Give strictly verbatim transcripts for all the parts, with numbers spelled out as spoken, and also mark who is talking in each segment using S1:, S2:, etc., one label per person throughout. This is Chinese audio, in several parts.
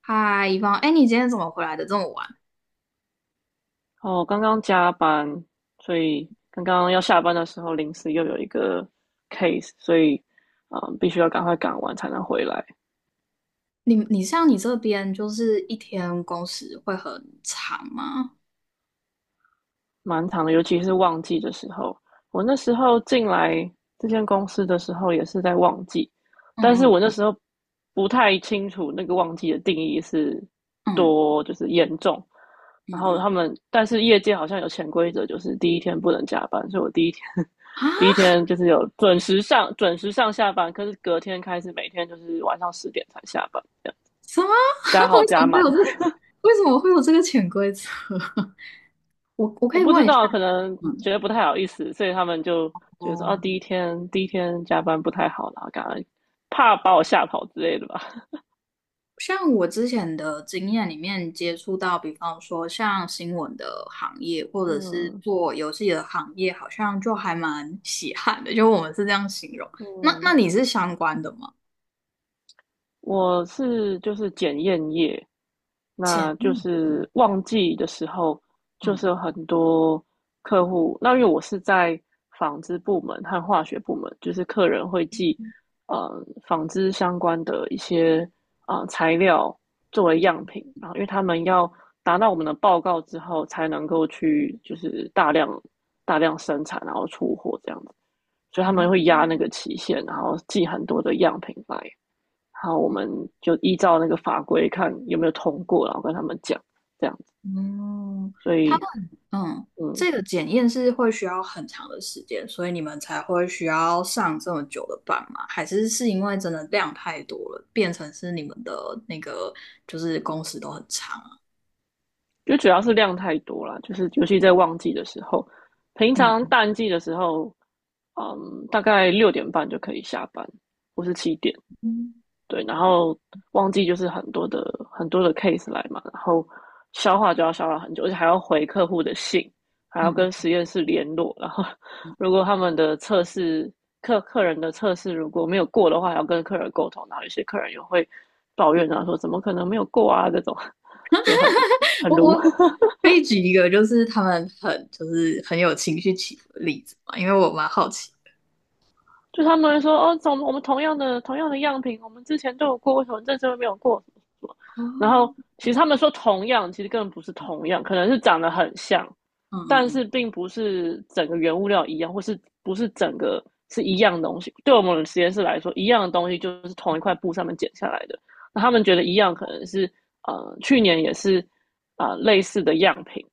S1: 嗨，一方，哎，你今天怎么回来的这么晚？
S2: 哦，刚刚加班，所以刚刚要下班的时候，临时又有一个 case，所以嗯，必须要赶快赶完才能回来。
S1: 你你像你这边就是一天工时会很长吗？
S2: 蛮长的，尤其是旺季的时候。我那时候进来这间公司的时候也是在旺季，但是
S1: 嗯嗯
S2: 我那时候不太清楚那个旺季的定义是
S1: 嗯
S2: 多就是严重。
S1: 嗯
S2: 然后
S1: 嗯
S2: 他们，但是业界好像有潜规则，就是第一天不能加班，所以我第一天
S1: 啊？
S2: 第一天就是有准时上准时上下班，可是隔天开始每天就是晚上十点才下班，
S1: 什么？
S2: 加
S1: 为
S2: 好
S1: 什么
S2: 加
S1: 会
S2: 满。
S1: 有这个为什么会有这个潜规则？我我可
S2: 我
S1: 以
S2: 不
S1: 问
S2: 知
S1: 一下
S2: 道，可能
S1: 你吗？
S2: 觉得不太好意思，所以他们就觉得说，哦，啊
S1: 哦，
S2: 第一天第一天加班不太好啦，感后怕把我吓跑之类的吧。
S1: 像我之前的经验里面接触到，比方说像新闻的行业，或者是
S2: 嗯
S1: 做游戏的行业，好像就还蛮稀罕的，就我们是这样形容。那那
S2: 嗯，
S1: 你是相关的吗？
S2: 我是就是检验业，
S1: 检
S2: 那就
S1: 验，股，
S2: 是旺季的时候，就
S1: 嗯，
S2: 是有很多客户。那因为我是在纺织部门和化学部门，就是客人会寄呃纺织相关的一些啊、呃材料作为样品，然后因为他们要达到我们的报告之后，才能够去就是大量大量生产，然后出货这样子，所以他
S1: 哦，
S2: 们会压那个期限，然后寄很多的样品来。好，我们就依照那个法规看有没有通过，然后跟他们讲这样子。
S1: 嗯，
S2: 所
S1: 他
S2: 以，
S1: 们，嗯，
S2: 嗯，
S1: 这个检验是会需要很长的时间，所以你们才会需要上这么久的班吗？还是是因为真的量太多了，变成是你们的那个就是工时都很长啊？
S2: 就主要是量太多了，就是尤其在旺季的时候，平常
S1: 嗯
S2: 淡季的时候，嗯，大概六点半就可以下班，或是七点，
S1: 嗯，
S2: 对，然后忘季就是很多的很多的 case 来嘛，然后消化就要消化很久，而且还要回客户的信，还要跟
S1: 嗯
S2: 实验室联络，然后如果他们的测试客客人的测试如果没有过的话，还要跟客人沟通，然后有些客人也会抱怨啊，说怎么可能没有过啊这种，就很很
S1: 我我
S2: 如。
S1: 我可以举一个就是他们很就是很有情绪起伏的例子嘛，因为我蛮好奇。
S2: 就他们说哦，从我们同样的同样的样品，我们之前都有过，为什么这次没有过？什么什么？
S1: 哦，
S2: 然后其实
S1: 嗯
S2: 他们说同样，其实根本不是同样，可能是长得很像，
S1: 嗯
S2: 但
S1: 嗯，
S2: 是并不是整个原物料一样，或是不是整个是一样的东西。对我们实验室来说，一样的东西就是同一块布上面剪下来的。那他们觉得一样，可能是呃去年也是啊、呃类似的样品，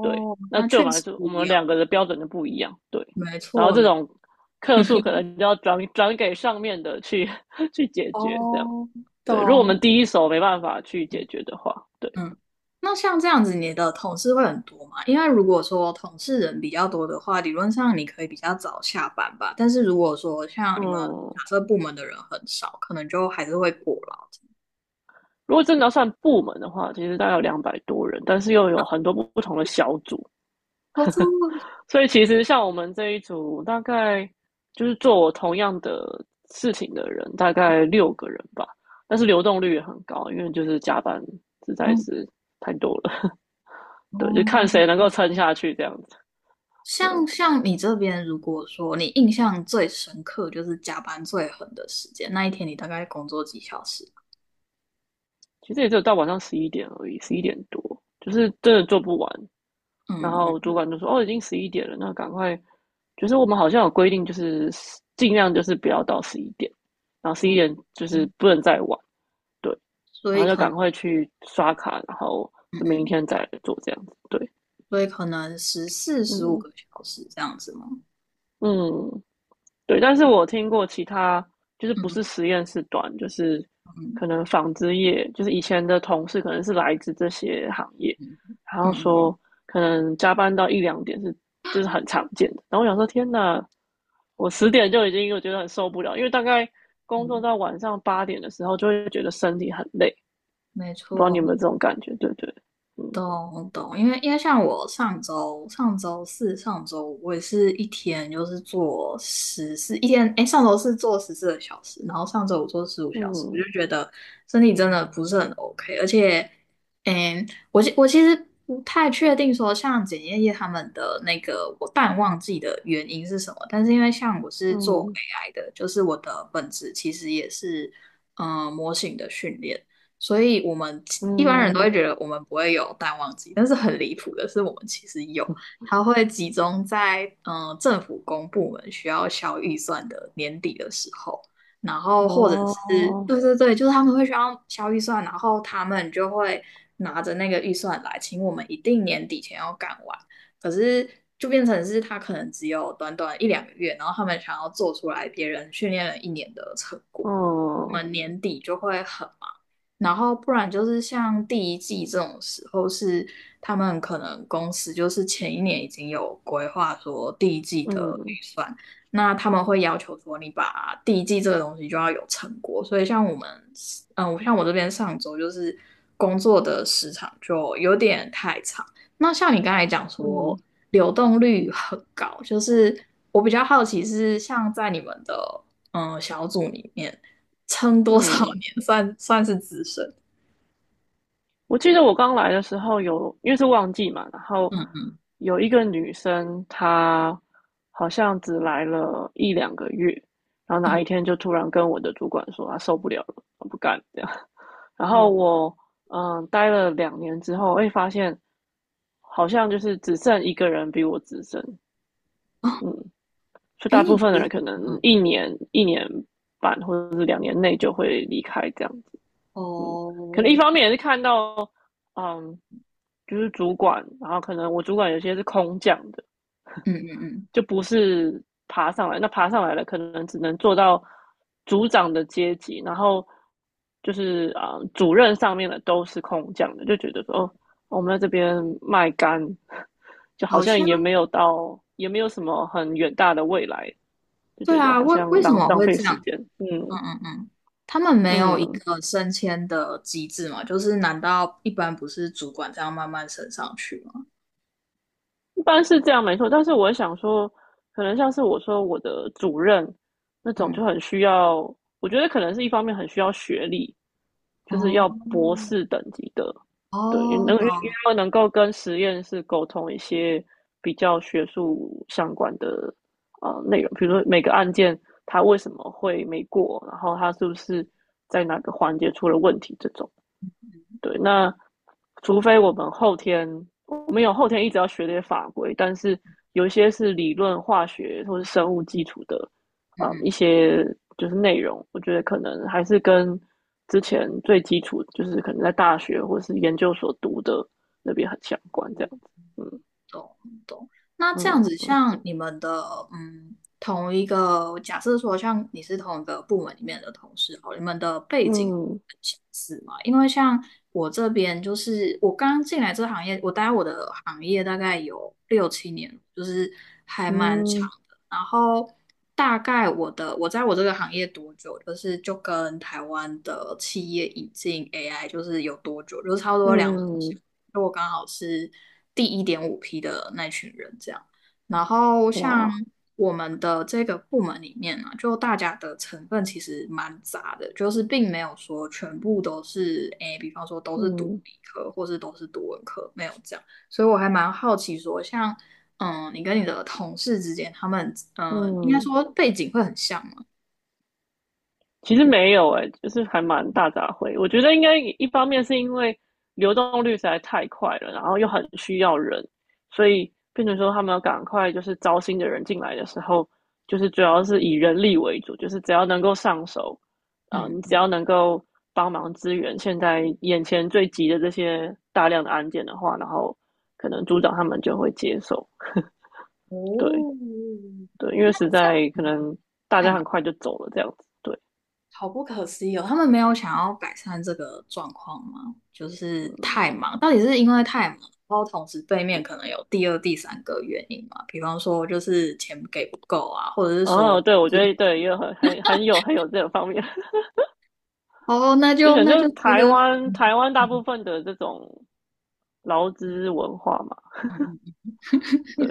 S2: 对，那
S1: 那
S2: 对
S1: 确
S2: 我们来
S1: 实
S2: 说，
S1: 不
S2: 我
S1: 一
S2: 们
S1: 样。
S2: 两个的标准就不一样，对。
S1: 没
S2: 然后
S1: 错，
S2: 这
S1: 没，
S2: 种客诉可能就要转转给上面的去去解决，这样
S1: 哦，
S2: 对。如果我们
S1: 懂。
S2: 第一手没办法去解决的话，对，
S1: 嗯，那像这样子，你的同事会很多嘛？因为如果说同事人比较多的话，理论上你可以比较早下班吧。但是如果说像你们假
S2: 嗯。
S1: 设部门的人很少，可能就还是会过劳。
S2: 如果真的要算部门的话，其实大概有两百多人，但是又有很多不同的小组，
S1: 哦，这么
S2: 所以其实像我们这一组，大概就是做我同样的事情的人，大概六个人吧。但是流动率也很高，因为就是加班实在
S1: 嗯，
S2: 是太多了。对，就
S1: 哦，
S2: 看谁能够撑下去这样子。对，
S1: 像像你这边，如果说你印象最深刻就是加班最狠的时间，那一天你大概工作几小时？
S2: 其实也只有到晚上十一点而已，十一点多，就是真的做不完。然
S1: 嗯
S2: 后主
S1: 嗯，
S2: 管就说：“哦，已经十一点了，那赶快。”就是我们好像有规定，就是尽量就是不要到十一点，然后十一
S1: 哦，
S2: 点就是
S1: 嗯
S2: 不能再晚，对，
S1: 所
S2: 然后
S1: 以
S2: 就
S1: 可
S2: 赶
S1: 能，
S2: 快去刷卡，然后
S1: 嗯
S2: 就明
S1: 嗯。
S2: 天再来做这样子，对，
S1: 所以可能十四、十五
S2: 嗯
S1: 个小时这样子吗？
S2: 嗯，对，但是我听过其他，就是不是
S1: 嗯
S2: 实验室短，就是
S1: 嗯
S2: 可能纺织业，就是以前的同事可能是来自这些行业，然后
S1: 嗯嗯
S2: 说可能加班到一两点是就是很常见的。然后我想说，天呐，我十点就已经我觉得很受不了，因为大概工作
S1: 嗯，
S2: 到晚上八点的时候，就会觉得身体很累。
S1: 没
S2: 不知道你有
S1: 错。
S2: 没有这种感觉？对对，嗯
S1: 懂懂，因为因为像我上周上周四上周五我也是一天就是做十四一天，哎，上周四做十四个小时，然后上周五做十五小时，我就
S2: 嗯
S1: 觉得身体真的不是很 OK，而且，嗯，我其我其实不太确定说像检验业他们的那个我淡旺季的原因是什么，但是因为像我是做
S2: 嗯
S1: A I 的，就是我的本质其实也是嗯、呃模型的训练。所以我们一般人都会
S2: 嗯，
S1: 觉得我们不会有淡旺季，但是很离谱的是，我们其实有，它会集中在嗯、呃政府公部门需要消预算的年底的时候，然后或者是
S2: 哦，
S1: 对对对，就是他们会需要消预算，然后他们就会拿着那个预算来请我们一定年底前要干完，可是就变成是他可能只有短短一两个月，然后他们想要做出来别人训练了一年的成果。我
S2: 嗯
S1: 们年底就会很忙，然后不然就是像第一季这种时候是，他们可能公司就是前一年已经有规划说第一季的
S2: 嗯
S1: 预算，那他们会要求说你把第一季这个东西就要有成果。所以像我们，嗯，我像我这边上周就是工作的时长就有点太长。那像你刚才讲说
S2: 嗯
S1: 流动率很高，就是我比较好奇是像在你们的嗯小组里面。撑多少
S2: 嗯。
S1: 年 算算是资深？
S2: 我记得我刚来的时候有，因为是旺季嘛，然后有一个女生，她好像只来了一两个月，然后哪
S1: 嗯，
S2: 一天就突然跟我的主管说她受不了了，她不干这样。然后
S1: 嗯，
S2: 我嗯待了两年之后，会发现好像就是只剩一个人比我资深，
S1: 哦，
S2: 嗯，就
S1: 比
S2: 大部
S1: 你
S2: 分的
S1: 资
S2: 人
S1: 深，
S2: 可能
S1: 嗯
S2: 一年一年半或者是两年内就会离开这样子，嗯，可能一
S1: 哦，
S2: 方面也是看到嗯。就是主管，然后可能我主管有些是空降的，
S1: 嗯嗯嗯，
S2: 就不是爬上来。那爬上来了，可能只能做到组长的阶级，然后就是啊、呃主任上面的都是空降的，就觉得说哦，我们在这边卖干，就好
S1: 好
S2: 像
S1: 像
S2: 也没有到，也没有什么很远大的未来，就
S1: 对
S2: 觉得
S1: 啊，
S2: 好
S1: 为
S2: 像
S1: 为什
S2: 浪
S1: 么
S2: 浪
S1: 会
S2: 费
S1: 这
S2: 时
S1: 样？
S2: 间。
S1: 嗯
S2: 嗯
S1: 嗯嗯，他们没有一
S2: 嗯。
S1: 个升迁的机制嘛？就是难道一般不是主管这样慢慢升上去吗？
S2: 一般是这样没错，但是我想说，可能像是我说我的主任那种就
S1: 嗯，
S2: 很需要，我觉得可能是一方面很需要学历，就是
S1: 哦
S2: 要博
S1: 嗯
S2: 士等级的，对，因为
S1: 哦，
S2: 能因为
S1: 懂，
S2: 要能够跟实验室沟通一些比较学术相关的呃内容，比如说每个案件它为什么会没过，然后它是不是在哪个环节出了问题这种，对，那除非我们后天，我们有后天一直要学这些法规，但是有一些是理论化学或是生物基础的，呃，嗯一
S1: 嗯嗯。
S2: 些就是内容，我觉得可能还是跟之前最基础，就是可能在大学或是研究所读的那边很相关，这样子。嗯
S1: 懂懂。那这样子，
S2: 嗯
S1: 像你们的，嗯，同一个，假设说像你是同一个部门里面的同事，哦，你们的背景
S2: 嗯
S1: 很相似嘛？因为像我这边，就是我刚进来这个行业，我待我的行业大概有六七年，就是还蛮长。
S2: 嗯
S1: 然后大概我的我在我这个行业多久，就是就跟台湾的企业引进 A I 就是有多久，就是差不多两年前
S2: 嗯，
S1: 就我刚好是第一点五批的那群人这样。然后像
S2: 哇，
S1: 我们的这个部门里面呢、啊，就大家的成分其实蛮杂的，就是并没有说全部都是诶，比方说都是读
S2: 嗯
S1: 理科或是都是读文科，没有这样。所以我还蛮好奇说，像嗯，你跟你的同事之间，他们呃，应该
S2: 嗯。
S1: 说背景会很像嘛？
S2: 其实没有诶、欸就是还蛮大杂烩。我觉得应该一方面是因为流动率实在太快了，然后又很需要人，所以变成说他们要赶快就是招新的人进来的时候，就是主要是以人力为主，就是只要能够上手，啊、呃
S1: 嗯，
S2: 你只要能够帮忙支援现在眼前最急的这些大量的案件的话，然后可能组长他们就会接受。对
S1: 哦，
S2: 对，因
S1: 那
S2: 为实
S1: 这样
S2: 在可能大
S1: 太
S2: 家很
S1: 忙，
S2: 快就走了这样子。对，
S1: 好不可思议哦。他们没有想要改善这个状况吗？就是
S2: 嗯。
S1: 太忙，到底是因为太忙，然后同时背面可能有第二、第三个原因嘛？比方说就是钱给不够啊，或者是说
S2: 哦，对，我觉得对，也很很很有很有这个方面，
S1: 哦，那
S2: 就
S1: 就
S2: 可能
S1: 那
S2: 就是
S1: 就觉
S2: 台
S1: 得。
S2: 湾台湾大部分的这种劳资文化嘛，对，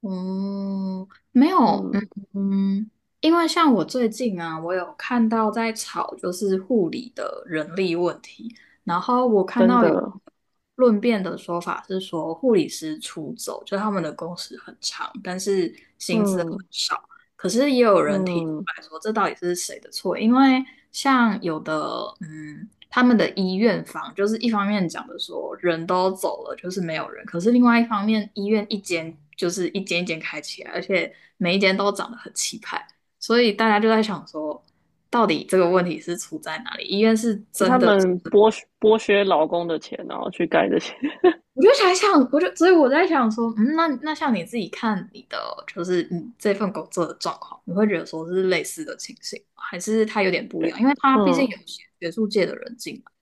S1: 哦，没有，嗯
S2: 嗯，
S1: 嗯，因为像我最近啊，我有看到在吵就是护理的人力问题，然后我看
S2: 真
S1: 到有
S2: 的，
S1: 论辩的说法是说护理师出走，就他们的工时很长，但是薪资。
S2: 嗯
S1: 可是也有人提出
S2: 嗯，
S1: 来说，这到底是谁的错？因为像有的，嗯，他们的医院方就是一方面讲的说人都走了，就是没有人，可是另外一方面，医院一间就是一间一间开起来，而且每一间都长得很气派，所以大家就在想说，到底这个问题是出在哪里？医院是
S2: 是
S1: 真
S2: 他
S1: 的。
S2: 们剥削剥削劳工的钱，然后去盖这些，
S1: 我就才想，我就所以我在想说，嗯，那那像你自己看你的，就是你这份工作的状况，你会觉得说是类似的情形吗还是它有点 不一
S2: 对，
S1: 样？因为它毕竟
S2: 嗯。
S1: 有些学术界的人进来。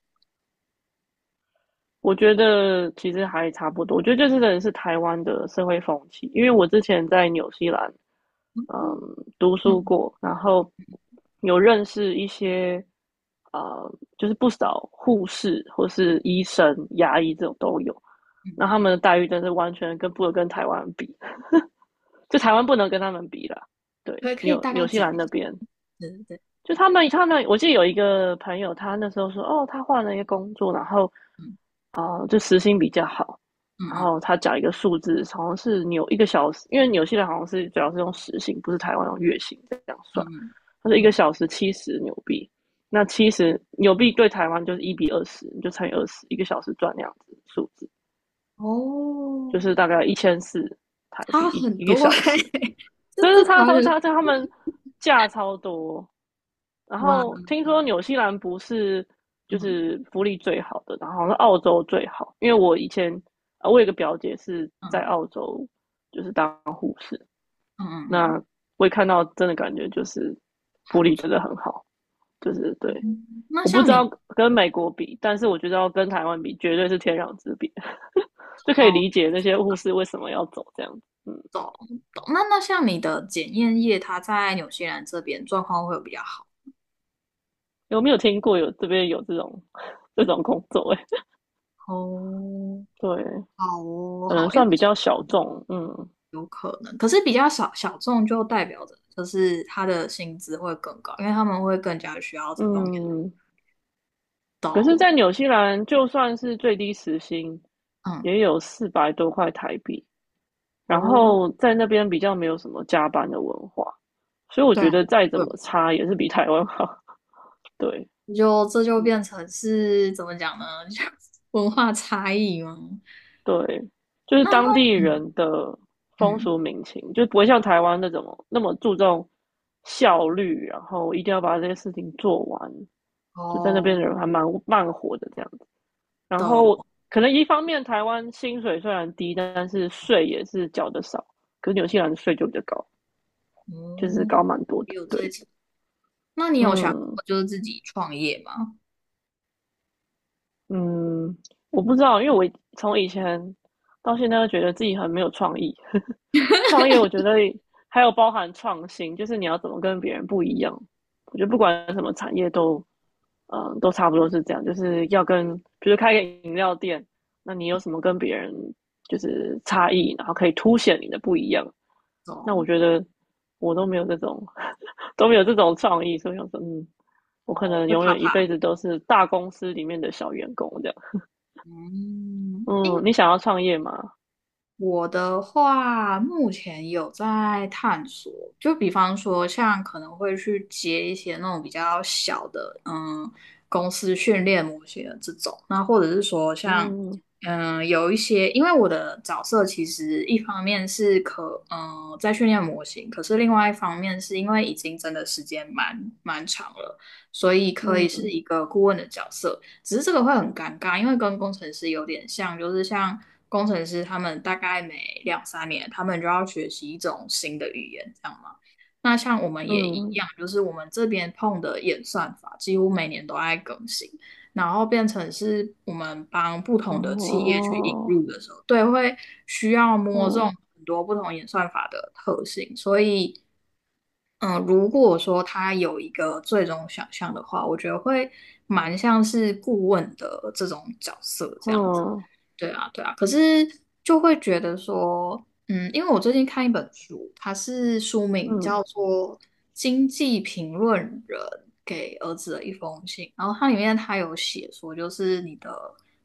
S2: 我觉得其实还差不多，我觉得这真的是台湾的社会风气，因为我之前在纽西兰，嗯，
S1: 嗯
S2: 读书
S1: 嗯
S2: 过，然后有认识一些，呃，就是不少护士或是医生、牙医这种都有，
S1: 嗯
S2: 那
S1: 嗯
S2: 他们
S1: 嗯，
S2: 的待遇真是完全跟不能跟台湾比，就台湾不能跟他们比啦。对，
S1: 可以可以
S2: 纽
S1: 大概
S2: 纽西
S1: 讲
S2: 兰
S1: 一
S2: 那
S1: 下。
S2: 边，
S1: 对对对，
S2: 就他们他们，我记得有一个朋友，他那时候说，哦，他换了一个工作，然后
S1: 嗯
S2: 哦，就时薪比较好，
S1: 嗯
S2: 然
S1: 嗯
S2: 后他讲一个数字，好像是纽一个小时，因为纽西兰好像是主要是用时薪，不是台湾用月薪这样
S1: 嗯
S2: 算。他
S1: 嗯，
S2: 说一个
S1: 嗯
S2: 小时七十纽币，那七十纽币对台湾就是一比二十，你就乘以二十，一个小时赚那样子数字，
S1: 哦，
S2: 就是大概一千四台币
S1: 差
S2: 一
S1: 很
S2: 一个
S1: 多
S2: 小
S1: 哎
S2: 时，
S1: 欸 这
S2: 真
S1: 这
S2: 是
S1: 台
S2: 差超
S1: 湾的
S2: 差，差他们价超多。然
S1: 哇，
S2: 后听说
S1: 嗯
S2: 纽西兰不是就是福利最好的，然后好像是澳洲最好，因为我以前啊，呃我有一个表姐是
S1: 嗯
S2: 在
S1: 嗯
S2: 澳洲就是当护士，
S1: 嗯嗯，
S2: 那我也看到真的感觉就是
S1: 还
S2: 福
S1: 不
S2: 利
S1: 错。
S2: 真的很好，就是对。
S1: 嗯那
S2: 我不
S1: 像
S2: 知道
S1: 你
S2: 跟美国比，但是我觉得要跟台湾比，绝对是天壤之别，就可以
S1: 哦。
S2: 理解那些护士为什么要走这样子。嗯，
S1: 懂那那像你的检验业，它在纽西兰这边状况会有比较好
S2: 有没有听过有这边有这种 这种工作、欸？哎
S1: 哦，
S2: 对，
S1: 好哦，
S2: 可能
S1: 好，因为
S2: 算比较小众。嗯
S1: 可是比较小小众，就代表着就是他的薪资会更高，因为他们会更加需要这方面。
S2: 嗯，可是，在纽西兰，就算是最低时薪，
S1: 嗯，
S2: 也有四百多块台币。然
S1: 哦，
S2: 后在那边比较没有什么加班的文化，所以我
S1: 对
S2: 觉
S1: 啊，
S2: 得再怎
S1: 会
S2: 么差也是比台湾好。对，
S1: 就这就变
S2: 嗯，
S1: 成是怎么讲呢？就文化差异吗？
S2: 对，就是
S1: 那那
S2: 当地
S1: 嗯
S2: 人的风
S1: 嗯，
S2: 俗民情，就不会像台湾那种那么注重效率，然后一定要把这些事情做完。就在那边
S1: 哦，
S2: 的人还蛮慢活的这样。然
S1: 懂，
S2: 后可能一方面台湾薪水虽然低，但是税也是缴的少，可是纽西兰的税就比较高，就是
S1: 嗯，
S2: 高蛮多
S1: 也
S2: 的。
S1: 有这一
S2: 对，
S1: 层。那你有想
S2: 嗯
S1: 过就是自己创业吗？
S2: 嗯，我不知道，因为我从以前到现在都觉得自己很没有创意，创业我觉得还有包含创新，就是你要怎么跟别人不一样。我觉得不管什么产业都，嗯，都差不多是这样，就是要跟，比如开个饮料店，那你有什么跟别人就是差异，然后可以凸显你的不一样。那我
S1: 懂。
S2: 觉得我都没有这种 都没有这种创意，所以我说，嗯，我可
S1: 哦，
S2: 能
S1: 会
S2: 永
S1: 怕
S2: 远一辈
S1: 怕。
S2: 子都是大公司里面的小员工这样。
S1: 嗯，因
S2: 嗯，你想要创业吗？
S1: 我的话，目前有在探索，就比方说，像可能会去接一些那种比较小的，嗯，公司训练模型的这种，那或者是说像，
S2: 嗯
S1: 嗯，有一些，因为我的角色其实一方面是可，嗯，在训练模型，可是另外一方面是因为已经真的时间蛮蛮长了，所以可以是
S2: 嗯
S1: 一个顾问的角色。只是这个会很尴尬，因为跟工程师有点像，就是像工程师他们大概每两三年，他们就要学习一种新的语言，这样嘛。那像我们也一
S2: 嗯，
S1: 样，就是我们这边碰的演算法几乎每年都在更新，然后变成是我们帮不同的企业去引
S2: 哦，
S1: 入的时候，对，会需要摸这种
S2: 嗯
S1: 很多不同演算法的特性，所以嗯，如果说他有一个最终想象的话，我觉得会蛮像是顾问的这种角色这样子。
S2: 嗯
S1: 对啊，对啊，可是就会觉得说，嗯，因为我最近看一本书，它是书名
S2: 嗯
S1: 叫做《经济评论人给儿子的一封信》，然后它里面它有写说，就是你的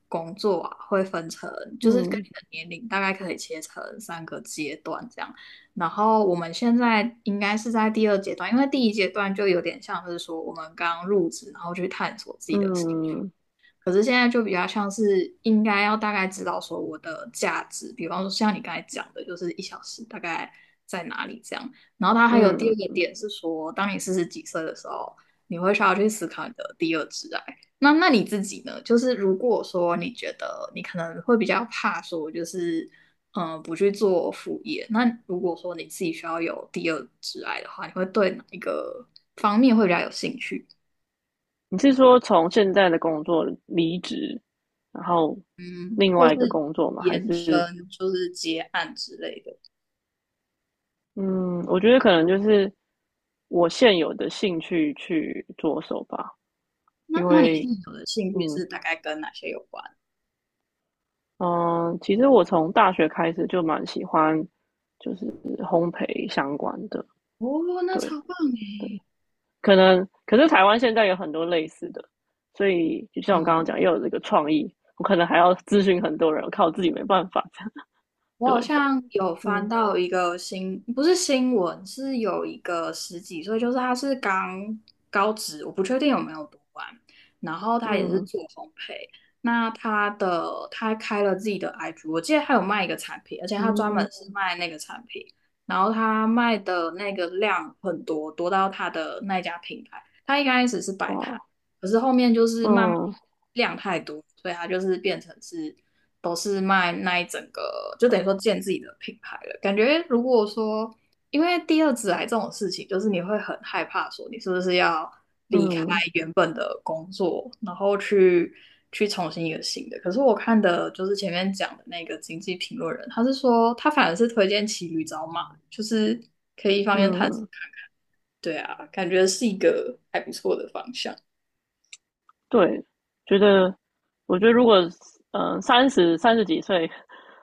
S1: 工作啊会分成，就是跟
S2: 嗯
S1: 你的年龄大概可以切成三个阶段这样，然后我们现在应该是在第二阶段，因为第一阶段就有点像是说我们刚入职，然后去探索自己的兴
S2: 嗯
S1: 可是现在就比较像是应该要大概知道说我的价值，比方说像你刚才讲的，就是一小时大概在哪里这样。然后它还有第二
S2: 嗯，
S1: 个点是说，当你四十几岁的时候，你会需要去思考你的第二挚爱。那那你自己呢？就是如果说你觉得你可能会比较怕说，就是嗯、呃不去做副业，那如果说你自己需要有第二挚爱的话，你会对哪一个方面会比较有兴趣？
S2: 你是说从现在的工作离职，然后另
S1: 或
S2: 外一个
S1: 是
S2: 工作吗？还
S1: 延伸，
S2: 是
S1: 就是接案之类的。
S2: 嗯，我觉得可能就是我现有的兴趣去着手吧，
S1: 那
S2: 因
S1: 那你
S2: 为
S1: 现在有的兴趣
S2: 嗯
S1: 是大概跟哪些有关？
S2: 嗯，呃其实我从大学开始就蛮喜欢就是烘焙相关的，
S1: 哦，那超
S2: 对，
S1: 棒诶。
S2: 可能可是台湾现在有很多类似的，所以就像我刚刚
S1: 嗯。
S2: 讲，又有这个创意，我可能还要咨询很多人，我靠我自己没办法。
S1: 我好
S2: 对，
S1: 像有翻
S2: 嗯
S1: 到一个新，不是新闻，是有一个十几岁，就是他是刚高职，我不确定有没有读完，然后他也是
S2: 嗯
S1: 做烘焙，那他的他开了自己的 I G，我记得他有卖一个产品，而且他专
S2: 嗯，
S1: 门是卖那个产品，然后他卖的那个量很多，多到他的那家品牌，他一开始是摆
S2: 哇，
S1: 摊，可是后面就是慢慢
S2: 嗯
S1: 量太多，所以他就是变成是。都是卖那一整个，就等于说建自己的品牌了。感觉如果说，因为第二职来这种事情，就是你会很害怕，说你是不是要离开
S2: 嗯
S1: 原本的工作，然后去去重新一个新的。可是我看的就是前面讲的那个经济评论人，他是说他反而是推荐骑驴找马，就是可以一方面探索，
S2: 嗯，
S1: 对啊，感觉是一个还不错的方向。
S2: 对，觉得我觉得如果嗯三十三十几岁，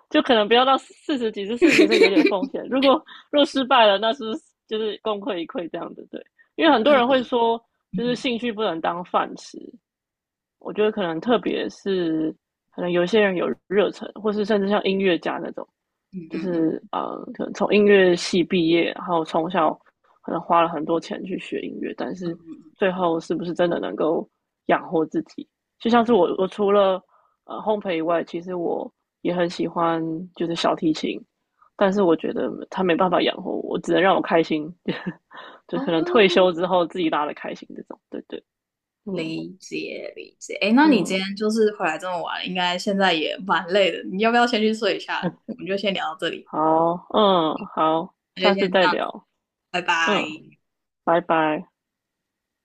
S2: 就可能不要到四十几岁，四十几岁有点 风险。如果若失败了，那是就是功亏一篑这样子？对，因为很多人会说，
S1: 嗯
S2: 就是兴
S1: 嗯
S2: 趣不能当饭吃，我觉得可能特别是有些人有热忱，或是甚至像音乐家那种，
S1: 嗯
S2: 就
S1: 嗯
S2: 是
S1: 嗯，
S2: 呃，可能从音乐系毕业，然后从小可能花了很多钱去学音乐，但是最后是不是真的能够养活自己？就像是我，我除了呃烘焙以外，其实我也很喜欢就是小提琴，但是我觉得它没办法养活我，只能让我开心，就可能退
S1: 哦，
S2: 休之后自己拉的开心这种。对对，嗯
S1: 理解理解。哎，那你
S2: 嗯。
S1: 今天就是回来这么晚，应该现在也蛮累的，你要不要先去睡一下？我们就先聊到这里，
S2: 好，嗯，好，
S1: 那就
S2: 下次
S1: 先这
S2: 再
S1: 样，
S2: 聊，
S1: 拜拜。
S2: 嗯，拜拜。